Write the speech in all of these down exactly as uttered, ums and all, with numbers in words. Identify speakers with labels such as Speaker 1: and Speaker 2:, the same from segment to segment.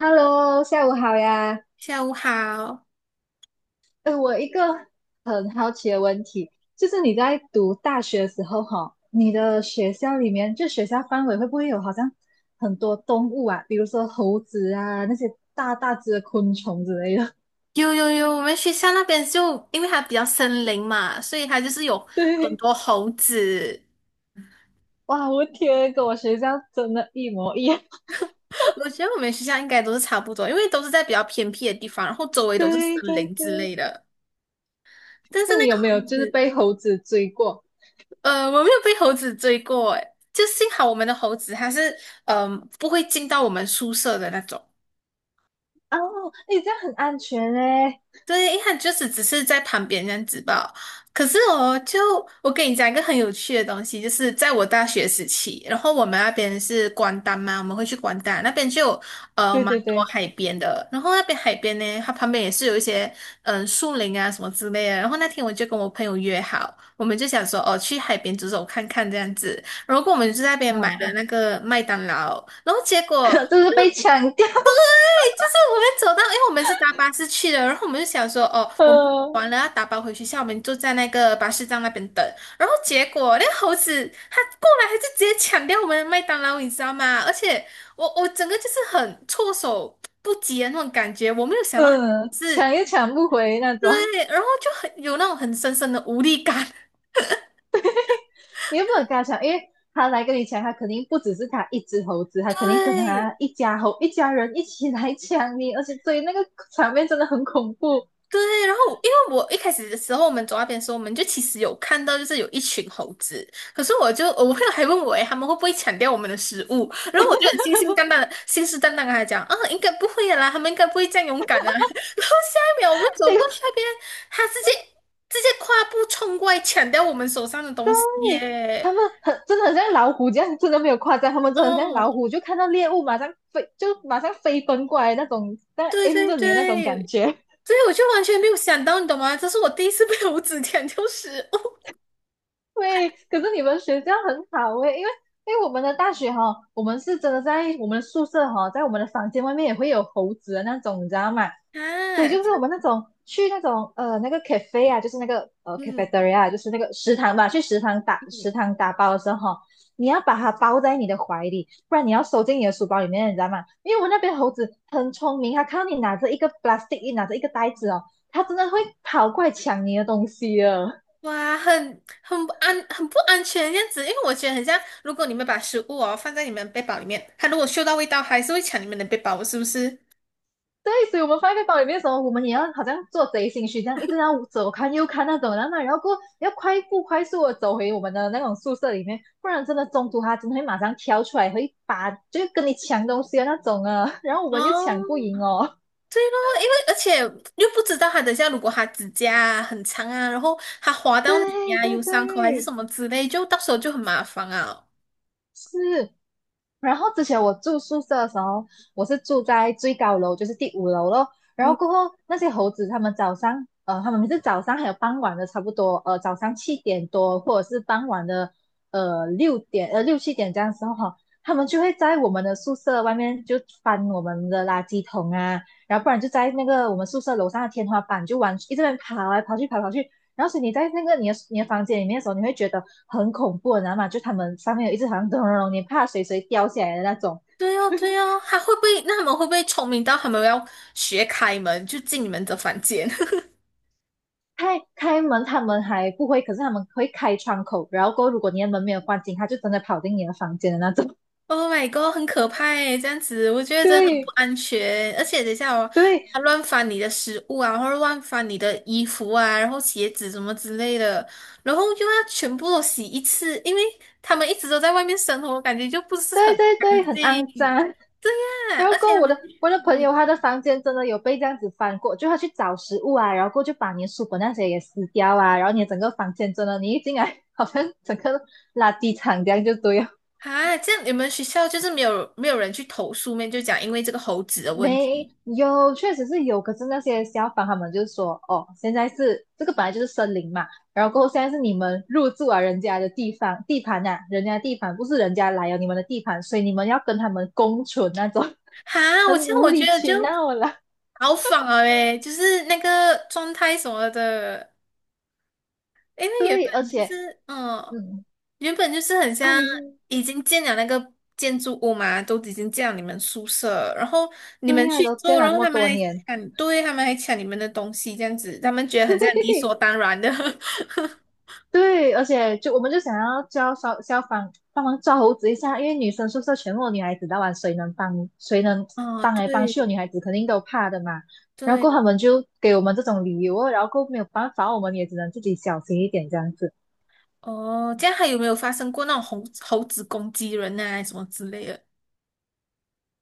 Speaker 1: Hello，下午好呀。
Speaker 2: 下午好，
Speaker 1: 呃，我一个很好奇的问题，就是你在读大学的时候，哈，你的学校里面，就学校范围会不会有好像很多动物啊，比如说猴子啊，那些大大只的昆虫之类的？
Speaker 2: 有有有，我们学校那边就因为它比较森林嘛，所以它就是有 很
Speaker 1: 对，
Speaker 2: 多猴子。
Speaker 1: 哇，我天，跟我学校真的一模一样。
Speaker 2: 我觉得我们学校应该都是差不多，因为都是在比较偏僻的地方，然后周 围都是森
Speaker 1: 对对
Speaker 2: 林之
Speaker 1: 对，
Speaker 2: 类的。但是
Speaker 1: 那
Speaker 2: 那
Speaker 1: 你
Speaker 2: 个
Speaker 1: 有没有
Speaker 2: 猴
Speaker 1: 就是
Speaker 2: 子，
Speaker 1: 被猴子追过？
Speaker 2: 呃，我没有被猴子追过，诶，就幸好我们的猴子它是，嗯、不会进到我们宿舍的那种。
Speaker 1: 哦，诶，这样很安全嘞。
Speaker 2: 对，他就是只是在旁边这样子吧。可是我就我跟你讲一个很有趣的东西，就是在我大学时期，然后我们那边是关丹嘛，我们会去关丹那边就有呃
Speaker 1: 对
Speaker 2: 蛮
Speaker 1: 对
Speaker 2: 多
Speaker 1: 对，
Speaker 2: 海边的，然后那边海边呢，它旁边也是有一些嗯呃树林啊什么之类的。然后那天我就跟我朋友约好，我们就想说哦去海边走走看看这样子，然后我们就在那边买了
Speaker 1: 啊，
Speaker 2: 那个麦当劳，然后结果。
Speaker 1: 就是被抢掉。
Speaker 2: 就是我们走到，因为我们是搭巴士去的，然后我们就想说，哦，我们完 了要打包回学校，我们就在那个巴士站那边等。然后结果那个猴子它过来，它就直接抢掉我们的麦当劳，你知道吗？而且我 我整个就是很措手不及的那种感觉，我没有想到
Speaker 1: 嗯，抢
Speaker 2: 是，
Speaker 1: 也抢不回那种，
Speaker 2: 对，然后就很有那种很深深的无力感。
Speaker 1: 你又不能跟他抢，因为他来跟你抢，他肯定不只是他一只猴子，他肯定跟
Speaker 2: 对，
Speaker 1: 他一家猴一家人一起来抢你，而且所以那个场面真的很恐怖。
Speaker 2: 对，然后因为我一开始的时候，我们走那边的时候，我们就其实有看到，就是有一群猴子。可是我就我朋友还问我，诶，他们会不会抢掉我们的食物？然后我就很信心淡淡的、信誓旦旦跟他讲，啊，应该不会的啦，他们应该不会这样勇敢的。然后下一秒，我们走
Speaker 1: 这
Speaker 2: 过去
Speaker 1: 个
Speaker 2: 那边，他直接直接跨步冲过来抢掉我们手上的东西
Speaker 1: 你他
Speaker 2: 耶！
Speaker 1: 们很真的很像老虎这样，真的没有夸张，他们真的很像
Speaker 2: 哦，
Speaker 1: 老虎，就看到猎物马上飞，就马上飞奔过来那种，在
Speaker 2: 对
Speaker 1: aim
Speaker 2: 对
Speaker 1: 着你的那种
Speaker 2: 对，
Speaker 1: 感觉。
Speaker 2: 所以我就完全没有想到，你懂吗？这是我第一次被猴子抢掉食物。
Speaker 1: 对，可是你们学校很好诶，因为因为我们的大学哈、我们是真的在我们的宿舍哈、在我们的房间外面也会有猴子的那种，你知道吗？所以
Speaker 2: 啊！
Speaker 1: 就是
Speaker 2: 这
Speaker 1: 我
Speaker 2: 样
Speaker 1: 们那种去那种呃那个 cafe 啊，就是那个呃
Speaker 2: 嗯。
Speaker 1: cafeteria，啊就是那个食堂吧，去食堂打食堂打包的时候，你要把它包在你的怀里，不然你要收进你的书包里面，你知道吗？因为我们那边猴子很聪明，它看到你拿着一个 plastic，一拿着一个袋子哦，它真的会跑过来抢你的东西哦。
Speaker 2: 哇，很很不安，很不安全这样子，因为我觉得很像，如果你们把食物哦放在你们的背包里面，它如果嗅到味道，还是会抢你们的背包，是不是？
Speaker 1: 对，所以我们放在包里面的时候，我们也要好像做贼心虚这样，一直要左看右看那种，然后然后过后要快步快速的走回我们的那种宿舍里面，不然真的中途他真的会马上跳出来，会把就是跟你抢东西的那种啊，然后我们就抢不
Speaker 2: 哦，
Speaker 1: 赢哦。
Speaker 2: 对咯，因为而且又不知道它等下如果它指甲啊很长啊，然后它划
Speaker 1: 对
Speaker 2: 到你呀、
Speaker 1: 对
Speaker 2: 有伤口还是什
Speaker 1: 对，
Speaker 2: 么之类，就到时候就很麻烦啊。
Speaker 1: 是，然后之前我住宿舍的时候，我是住在最高楼，就是第五楼咯。然后
Speaker 2: 嗯，
Speaker 1: 过后那些猴子，他们早上，呃，他们每次早上还有傍晚的，差不多，呃，早上七点多或者是傍晚的，呃，六点，呃，六七点这样的时候哈，他们就会在我们的宿舍外面就翻我们的垃圾桶啊，然后不然就在那个我们宿舍楼上的天花板就玩，一直在跑来跑去，跑来跑去，然后所以你在那个你的你的房间里面的时候，你会觉得很恐怖，你知道吗？就他们上面有一只好像咚咚咚，你怕谁谁掉下来的那种。
Speaker 2: 对哦，对哦，它会不会？那他们会不会聪明到他们要学开门就进你们的房间？
Speaker 1: 开开门他们还不会，可是他们会开窗口，然后过后如果你的门没有关紧，他就真的跑进你的房间的那种。
Speaker 2: Oh my god，很可怕诶，这样子我觉 得真的很不
Speaker 1: 对
Speaker 2: 安全。而且等一下哦，他
Speaker 1: 对
Speaker 2: 乱翻你的食物啊，或者乱翻你的衣服啊，然后鞋子什么之类的，然后又要全部都洗一次，因为他们一直都在外面生活，感觉就不是
Speaker 1: 对
Speaker 2: 很
Speaker 1: 对
Speaker 2: 干
Speaker 1: 对，很肮脏。
Speaker 2: 净。啊，
Speaker 1: 然后
Speaker 2: 而
Speaker 1: 过
Speaker 2: 且
Speaker 1: 后
Speaker 2: 他
Speaker 1: 我
Speaker 2: 们，
Speaker 1: 的我的朋
Speaker 2: 嗯，
Speaker 1: 友他的房间真的有被这样子翻过，就他去找食物啊，然后过后就把你的书本那些也撕掉啊，然后你的整个房间真的，你一进来 好像整个垃圾场这样就对了。
Speaker 2: 啊，这样你们学校就是没有没有人去投诉面，就讲因为这个猴子的问
Speaker 1: 没
Speaker 2: 题。
Speaker 1: 有，确实是有。可是那些消防他们就是说，哦，现在是这个本来就是森林嘛，然后过后现在是你们入住啊人家的地方地盘呐、人家的地盘不是人家来了你们的地盘，所以你们要跟他们共存那种，
Speaker 2: 哈，我
Speaker 1: 很
Speaker 2: 这样
Speaker 1: 无
Speaker 2: 我觉
Speaker 1: 理
Speaker 2: 得
Speaker 1: 取
Speaker 2: 就
Speaker 1: 闹啦。
Speaker 2: 好仿了诶，就是那个状态什么的。因为原
Speaker 1: 对，而
Speaker 2: 本就
Speaker 1: 且，
Speaker 2: 是，嗯，
Speaker 1: 嗯，
Speaker 2: 原本就是很
Speaker 1: 啊，
Speaker 2: 像
Speaker 1: 你是
Speaker 2: 已经建了那个建筑物嘛，都已经建了你们宿舍，然后你
Speaker 1: 对
Speaker 2: 们
Speaker 1: 呀、
Speaker 2: 去
Speaker 1: 都见
Speaker 2: 做，
Speaker 1: 了
Speaker 2: 然
Speaker 1: 这
Speaker 2: 后
Speaker 1: 么
Speaker 2: 他们
Speaker 1: 多
Speaker 2: 还
Speaker 1: 年，
Speaker 2: 抢，对，他们还抢你们的东西，这样子，他们觉得很像理所 当然的。
Speaker 1: 对，而且就我们就想要叫消消防帮忙抓猴子一下，因为女生宿舍全部女孩子的玩，那晚谁能帮谁能
Speaker 2: 哦，
Speaker 1: 帮来帮去的女
Speaker 2: 对
Speaker 1: 孩子肯定都怕的嘛。然后过后
Speaker 2: 对，
Speaker 1: 他们就给我们这种理由哦然后过后没有办法，我们也只能自己小心一点这样子。
Speaker 2: 哦，这样还有没有发生过那种猴猴子攻击人啊，什么之类的？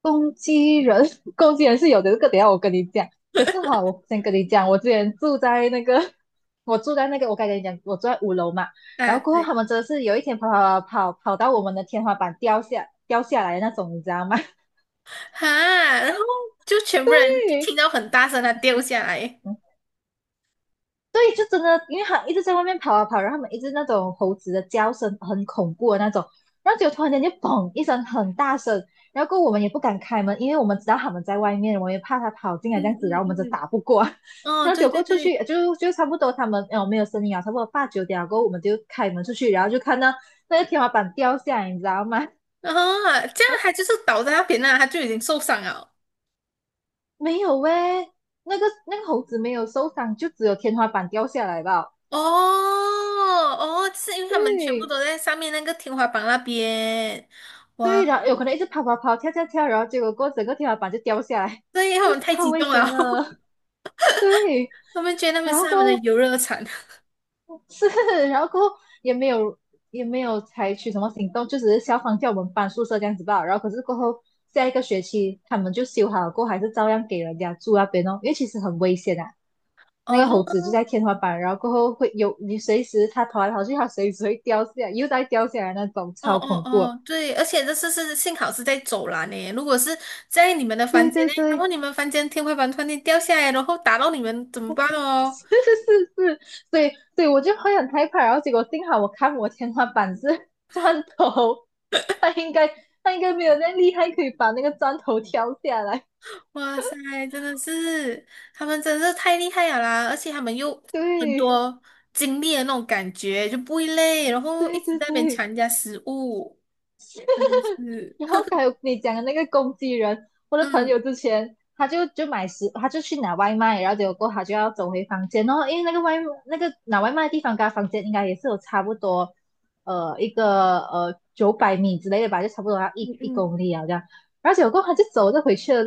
Speaker 1: 攻击人，攻击人是有的，这个等一下我跟你讲。可是哈，我先跟你讲，我之前住在那个，我住在那个，我刚才跟你讲，我住在五楼嘛。然
Speaker 2: 啊，
Speaker 1: 后过后
Speaker 2: 对，
Speaker 1: 他们真的是有一天跑跑跑跑跑到我们的天花板掉下掉下来的那种，你知道吗？
Speaker 2: 哈，然后就全部人就听
Speaker 1: 于，
Speaker 2: 到很大声，它掉下来。
Speaker 1: 嗯对，就真的，因为他一直在外面跑啊跑，然后他们一直那种猴子的叫声很恐怖的那种，然后就突然间就嘣一声很大声，然后过后我们也不敢开门，因为我们知道他们在外面，我们也怕他跑进来这
Speaker 2: 嗯
Speaker 1: 样子，然
Speaker 2: 嗯
Speaker 1: 后我们就
Speaker 2: 嗯，
Speaker 1: 打不过，
Speaker 2: 哦，
Speaker 1: 然后
Speaker 2: 对
Speaker 1: 结过
Speaker 2: 对
Speaker 1: 出去
Speaker 2: 对。
Speaker 1: 呃就就差不多他们哦没有声音啊，差不多八九点过后我们就开门出去，然后就看到那个天花板掉下来，你知道吗？
Speaker 2: 啊，这样他就是倒在那边那，他就已经受伤了。
Speaker 1: 没有喂、那个那个猴子没有受伤，就只有天花板掉下来吧。
Speaker 2: 哦哦，是因为他们全部
Speaker 1: 对，
Speaker 2: 都在上面那个天花板那边，哇，
Speaker 1: 对，然后有可能一直跑跑跑，跳跳跳，然后结果过后整个天花板就掉下来，
Speaker 2: 对，因 他
Speaker 1: 就
Speaker 2: 们太
Speaker 1: 超
Speaker 2: 激
Speaker 1: 危
Speaker 2: 动
Speaker 1: 险
Speaker 2: 了，
Speaker 1: 的。对，
Speaker 2: 他们觉得那边
Speaker 1: 然
Speaker 2: 是
Speaker 1: 后
Speaker 2: 他们的
Speaker 1: 过后
Speaker 2: 游乐场。
Speaker 1: 是，然后过后也没有也没有采取什么行动，就只是消防叫我们搬宿舍这样子吧。然后可是过后下一个学期他们就修好了过后，还是照样给人家住那边哦，因为其实很危险啊。那
Speaker 2: 哦，
Speaker 1: 个
Speaker 2: 那
Speaker 1: 猴子就在天花板，然后过后会有你随时它跑来跑去，它随时会掉下来，又再掉下来那种，
Speaker 2: 哦
Speaker 1: 超
Speaker 2: 哦
Speaker 1: 恐怖。
Speaker 2: 哦，对，而且这次是幸好是在走廊呢，如果是在你们的房
Speaker 1: 对
Speaker 2: 间
Speaker 1: 对
Speaker 2: 内，然后
Speaker 1: 对
Speaker 2: 你们房间天花板突然间掉下来，然后打到你们怎么办
Speaker 1: 是
Speaker 2: 哦？
Speaker 1: 是是是，所以所以我就会很害怕，然后结果幸好我看我天花板是 砖头，他应该他应该没有那么厉害，可以把那个砖头挑下来。
Speaker 2: 哇塞，真的是，他们真的是太厉害了啦！而且他们又很
Speaker 1: 对
Speaker 2: 多经历的那种感觉，就不会累，然后一
Speaker 1: 对
Speaker 2: 直
Speaker 1: 对
Speaker 2: 在那边
Speaker 1: 对，
Speaker 2: 抢人家食物，真的是，
Speaker 1: 然后还有你讲的那个攻击人，我的朋
Speaker 2: 嗯
Speaker 1: 友之前他就就买食，他就去拿外卖，然后结果过后他就要走回房间，然后因为那个外那个拿外卖的地方跟他房间应该也是有差不多，呃，一个呃九百米之类的吧，就差不多要
Speaker 2: 嗯
Speaker 1: 一一
Speaker 2: 嗯，
Speaker 1: 公里啊这样，而且结果过后他就走着回去了，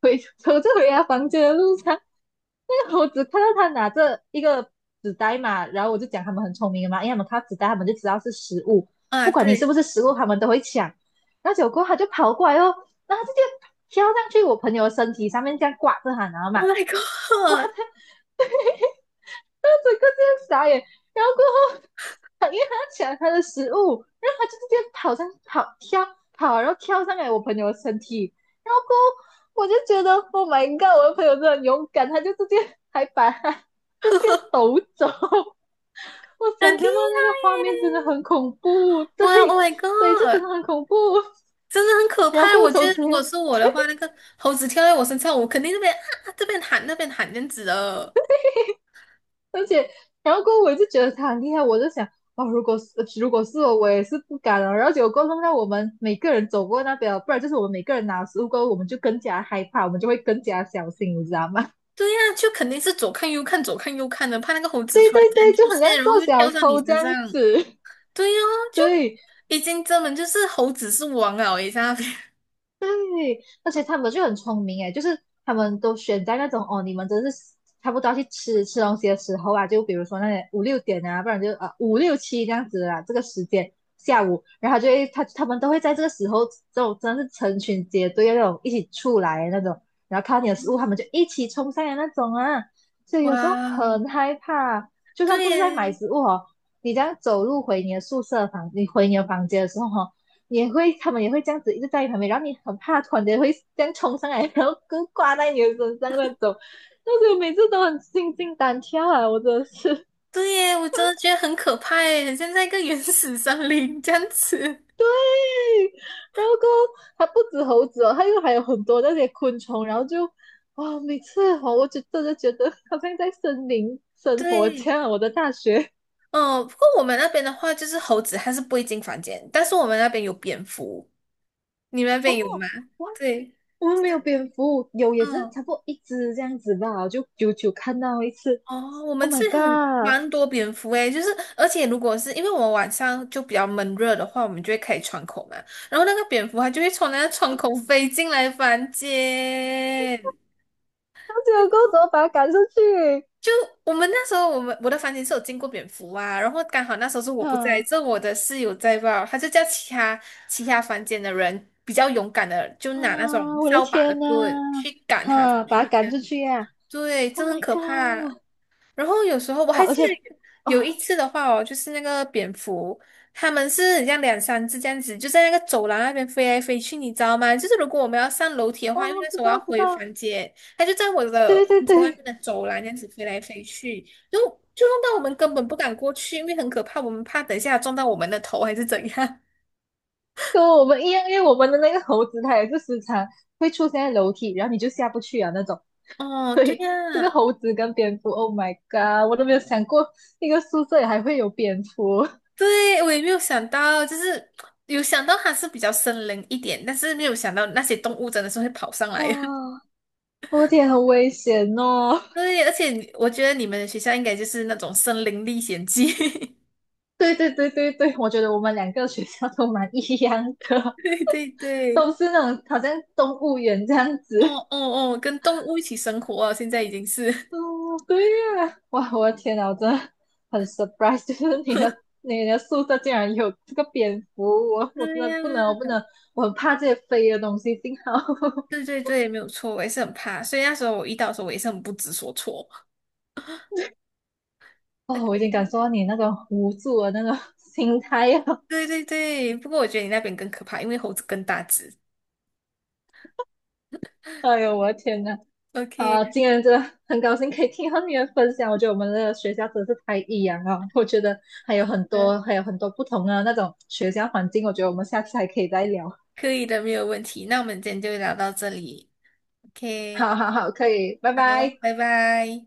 Speaker 1: 回走着回他房间的路上，那个我只看到他拿着一个纸袋嘛，然后我就讲他们很聪明的嘛，因为他们看到纸袋他们就知道是食物，
Speaker 2: 啊
Speaker 1: 不管你是
Speaker 2: 对
Speaker 1: 不是食物，他们都会抢。然后结果他就跑过来哦，然后直接跳上去我朋友的身体上面，这样挂着他，然后嘛，
Speaker 2: ，Oh
Speaker 1: 就
Speaker 2: my God，
Speaker 1: 整个这样傻眼，然后过后他因为他抢他的食物，然后他就直接跑上跑跳跑，然后跳上来我朋友的身体，然后过后我就觉得 Oh my God，我的朋友真的很勇敢，他就直接还把他直接抖走，我
Speaker 2: 很
Speaker 1: 想
Speaker 2: 厉害
Speaker 1: 象到那个画面真的
Speaker 2: 耶！
Speaker 1: 很恐怖，对，
Speaker 2: 哇，Oh my
Speaker 1: 所以就真
Speaker 2: God，
Speaker 1: 的很恐怖。
Speaker 2: 真的很可
Speaker 1: 然后
Speaker 2: 怕。
Speaker 1: 过后
Speaker 2: 我觉
Speaker 1: 从
Speaker 2: 得
Speaker 1: 此
Speaker 2: 如果是我的话，那个猴子跳在我身上，我肯定这边啊啊这边喊那边喊这样子的。
Speaker 1: 而且，然后过后我就觉得他很厉害，我就想，哦，如果是如果是我，我也是不敢了。然后结果过后弄到我们每个人走过那边了，不然就是我们每个人拿食物过后，我们就更加害怕，我们就会更加小心，你知道吗？
Speaker 2: 对呀、就肯定是左看右看，左看右看的，怕那个猴子突然 间
Speaker 1: 对，就
Speaker 2: 出
Speaker 1: 很像
Speaker 2: 现，然后
Speaker 1: 做
Speaker 2: 又
Speaker 1: 小
Speaker 2: 跳到你
Speaker 1: 偷这
Speaker 2: 身上。
Speaker 1: 样子。
Speaker 2: 对呀、就
Speaker 1: 对，
Speaker 2: 已经根本就是猴子是王了诶，在那边。
Speaker 1: 而且他们就很聪明诶，就是他们都选在那种哦，你们真是差不多要去吃吃东西的时候啊，就比如说那些五六点啊，不然就呃五六七这样子啊，这个时间下午，然后就会他他们都会在这个时候，这种真的是成群结队的那种一起出来的那种，然后看到你的食物，他们就一起冲上来那种啊，所以有时候
Speaker 2: 哇，
Speaker 1: 很害怕，就算
Speaker 2: 对
Speaker 1: 不是在买
Speaker 2: 耶，
Speaker 1: 食物哦。你这样走路回你的宿舍房，你回你的房间的时候哈、哦，也会他们也会这样子一直在你旁边，然后你很怕，突然间会这样冲上来，然后跟挂在你的身上那种。但是我每次都很心惊胆跳啊，我真的是。
Speaker 2: 对耶，我真的觉得很可怕耶，很像在一个原始森林这样子。
Speaker 1: 然后过后它不止猴子哦，它又还有很多那些昆虫，然后就啊、每次哦，我就真的觉得好像在森林生活这
Speaker 2: 对，
Speaker 1: 样。我的大学，
Speaker 2: 嗯，不过我们那边的话，就是猴子它是不会进房间，但是我们那边有蝙蝠，你们那边有吗？
Speaker 1: 哇，
Speaker 2: 对，
Speaker 1: 我们
Speaker 2: 就
Speaker 1: 没有
Speaker 2: 是
Speaker 1: 蝙蝠，有也
Speaker 2: 嗯。
Speaker 1: 是差
Speaker 2: 哦
Speaker 1: 不多一只这样子吧，就久久看到一次。
Speaker 2: 哦，我们
Speaker 1: Oh
Speaker 2: 是
Speaker 1: my
Speaker 2: 很
Speaker 1: god！
Speaker 2: 蛮多蝙蝠诶，就是而且如果是因为我们晚上就比较闷热的话，我们就会开窗口嘛，然后那个蝙蝠它就会从那个窗口飞进来房间。
Speaker 1: 那结果过后怎么把它赶出去？
Speaker 2: 就我们那时候，我们我的房间是有进过蝙蝠啊，然后刚好那时候是我不在，
Speaker 1: 嗯，
Speaker 2: 这我的室友在吧，他就叫其他其他房间的人比较勇敢的，就拿那种
Speaker 1: 啊，我的
Speaker 2: 扫把的
Speaker 1: 天呐！
Speaker 2: 棍去赶它出
Speaker 1: 哈，把他
Speaker 2: 去，这
Speaker 1: 赶
Speaker 2: 样
Speaker 1: 出去呀、
Speaker 2: 对，这
Speaker 1: ！Oh
Speaker 2: 很
Speaker 1: my
Speaker 2: 可怕。
Speaker 1: god！
Speaker 2: 然后有时候我
Speaker 1: 哇，
Speaker 2: 还记
Speaker 1: 而且，
Speaker 2: 得
Speaker 1: 啊，
Speaker 2: 有一次的话哦，就是那个蝙蝠，它们是很像两三只这样子，就在那个走廊那边飞来飞去，你知道吗？就是如果我们要上楼梯的话，因为
Speaker 1: 哦，
Speaker 2: 那时
Speaker 1: 知
Speaker 2: 候我要
Speaker 1: 道知
Speaker 2: 回
Speaker 1: 道，
Speaker 2: 房间，它就在我的
Speaker 1: 对对
Speaker 2: 房间外面
Speaker 1: 对，
Speaker 2: 的走廊这样子飞来飞去，就就弄到我们根本不敢过去，因为很可怕，我们怕等一下撞到我们的头还是怎样。
Speaker 1: 跟我们一样，因为我们的那个猴子它也是时常会出现在楼梯，然后你就下不去啊那种。
Speaker 2: 哦，对
Speaker 1: 对，这个
Speaker 2: 呀，
Speaker 1: 猴子跟蝙蝠，Oh my god！我都没有想过一个宿舍里还会有蝙蝠。
Speaker 2: 对，我也没有想到，就是有想到它是比较森林一点，但是没有想到那些动物真的是会跑上
Speaker 1: 哇，
Speaker 2: 来。
Speaker 1: 我的天，很危险哦。
Speaker 2: 对，而且你我觉得你们的学校应该就是那种森林历险记，
Speaker 1: 对对对对对，我觉得我们两个学校都蛮一样 的，
Speaker 2: 对对对，
Speaker 1: 都是那种好像动物园这样子。
Speaker 2: 哦哦哦，跟动物一起生活啊，现在已经是，
Speaker 1: 哦，对呀，哇，我的天呐，我真的很 surprise，就是你的你的宿舍竟然有这个蝙蝠，我 我真
Speaker 2: 对
Speaker 1: 的
Speaker 2: 呀，
Speaker 1: 不能，我不能，我很怕这些飞的东西。幸好
Speaker 2: 对对对，没有错，我也是很怕，所以那时候我遇到的时候，我也是很不知所措。
Speaker 1: 哦，我已经
Speaker 2: OK，
Speaker 1: 感受到你那种无助的那种心态了。
Speaker 2: 对对对，不过我觉得你那边更可怕，因为猴子更大只。
Speaker 1: 哎呦，我的天呐，啊，
Speaker 2: OK，
Speaker 1: 今天真的很高兴可以听到你的分享，我觉得我们的学校真是太异样了。我觉得还有很
Speaker 2: 呃，
Speaker 1: 多还有很多不同的那种学校环境，我觉得我们下次还可以再聊。
Speaker 2: 可以的，没有问题。那我们今天就聊到这里。OK，
Speaker 1: 好好好，可以，拜
Speaker 2: 好，
Speaker 1: 拜。
Speaker 2: 拜拜。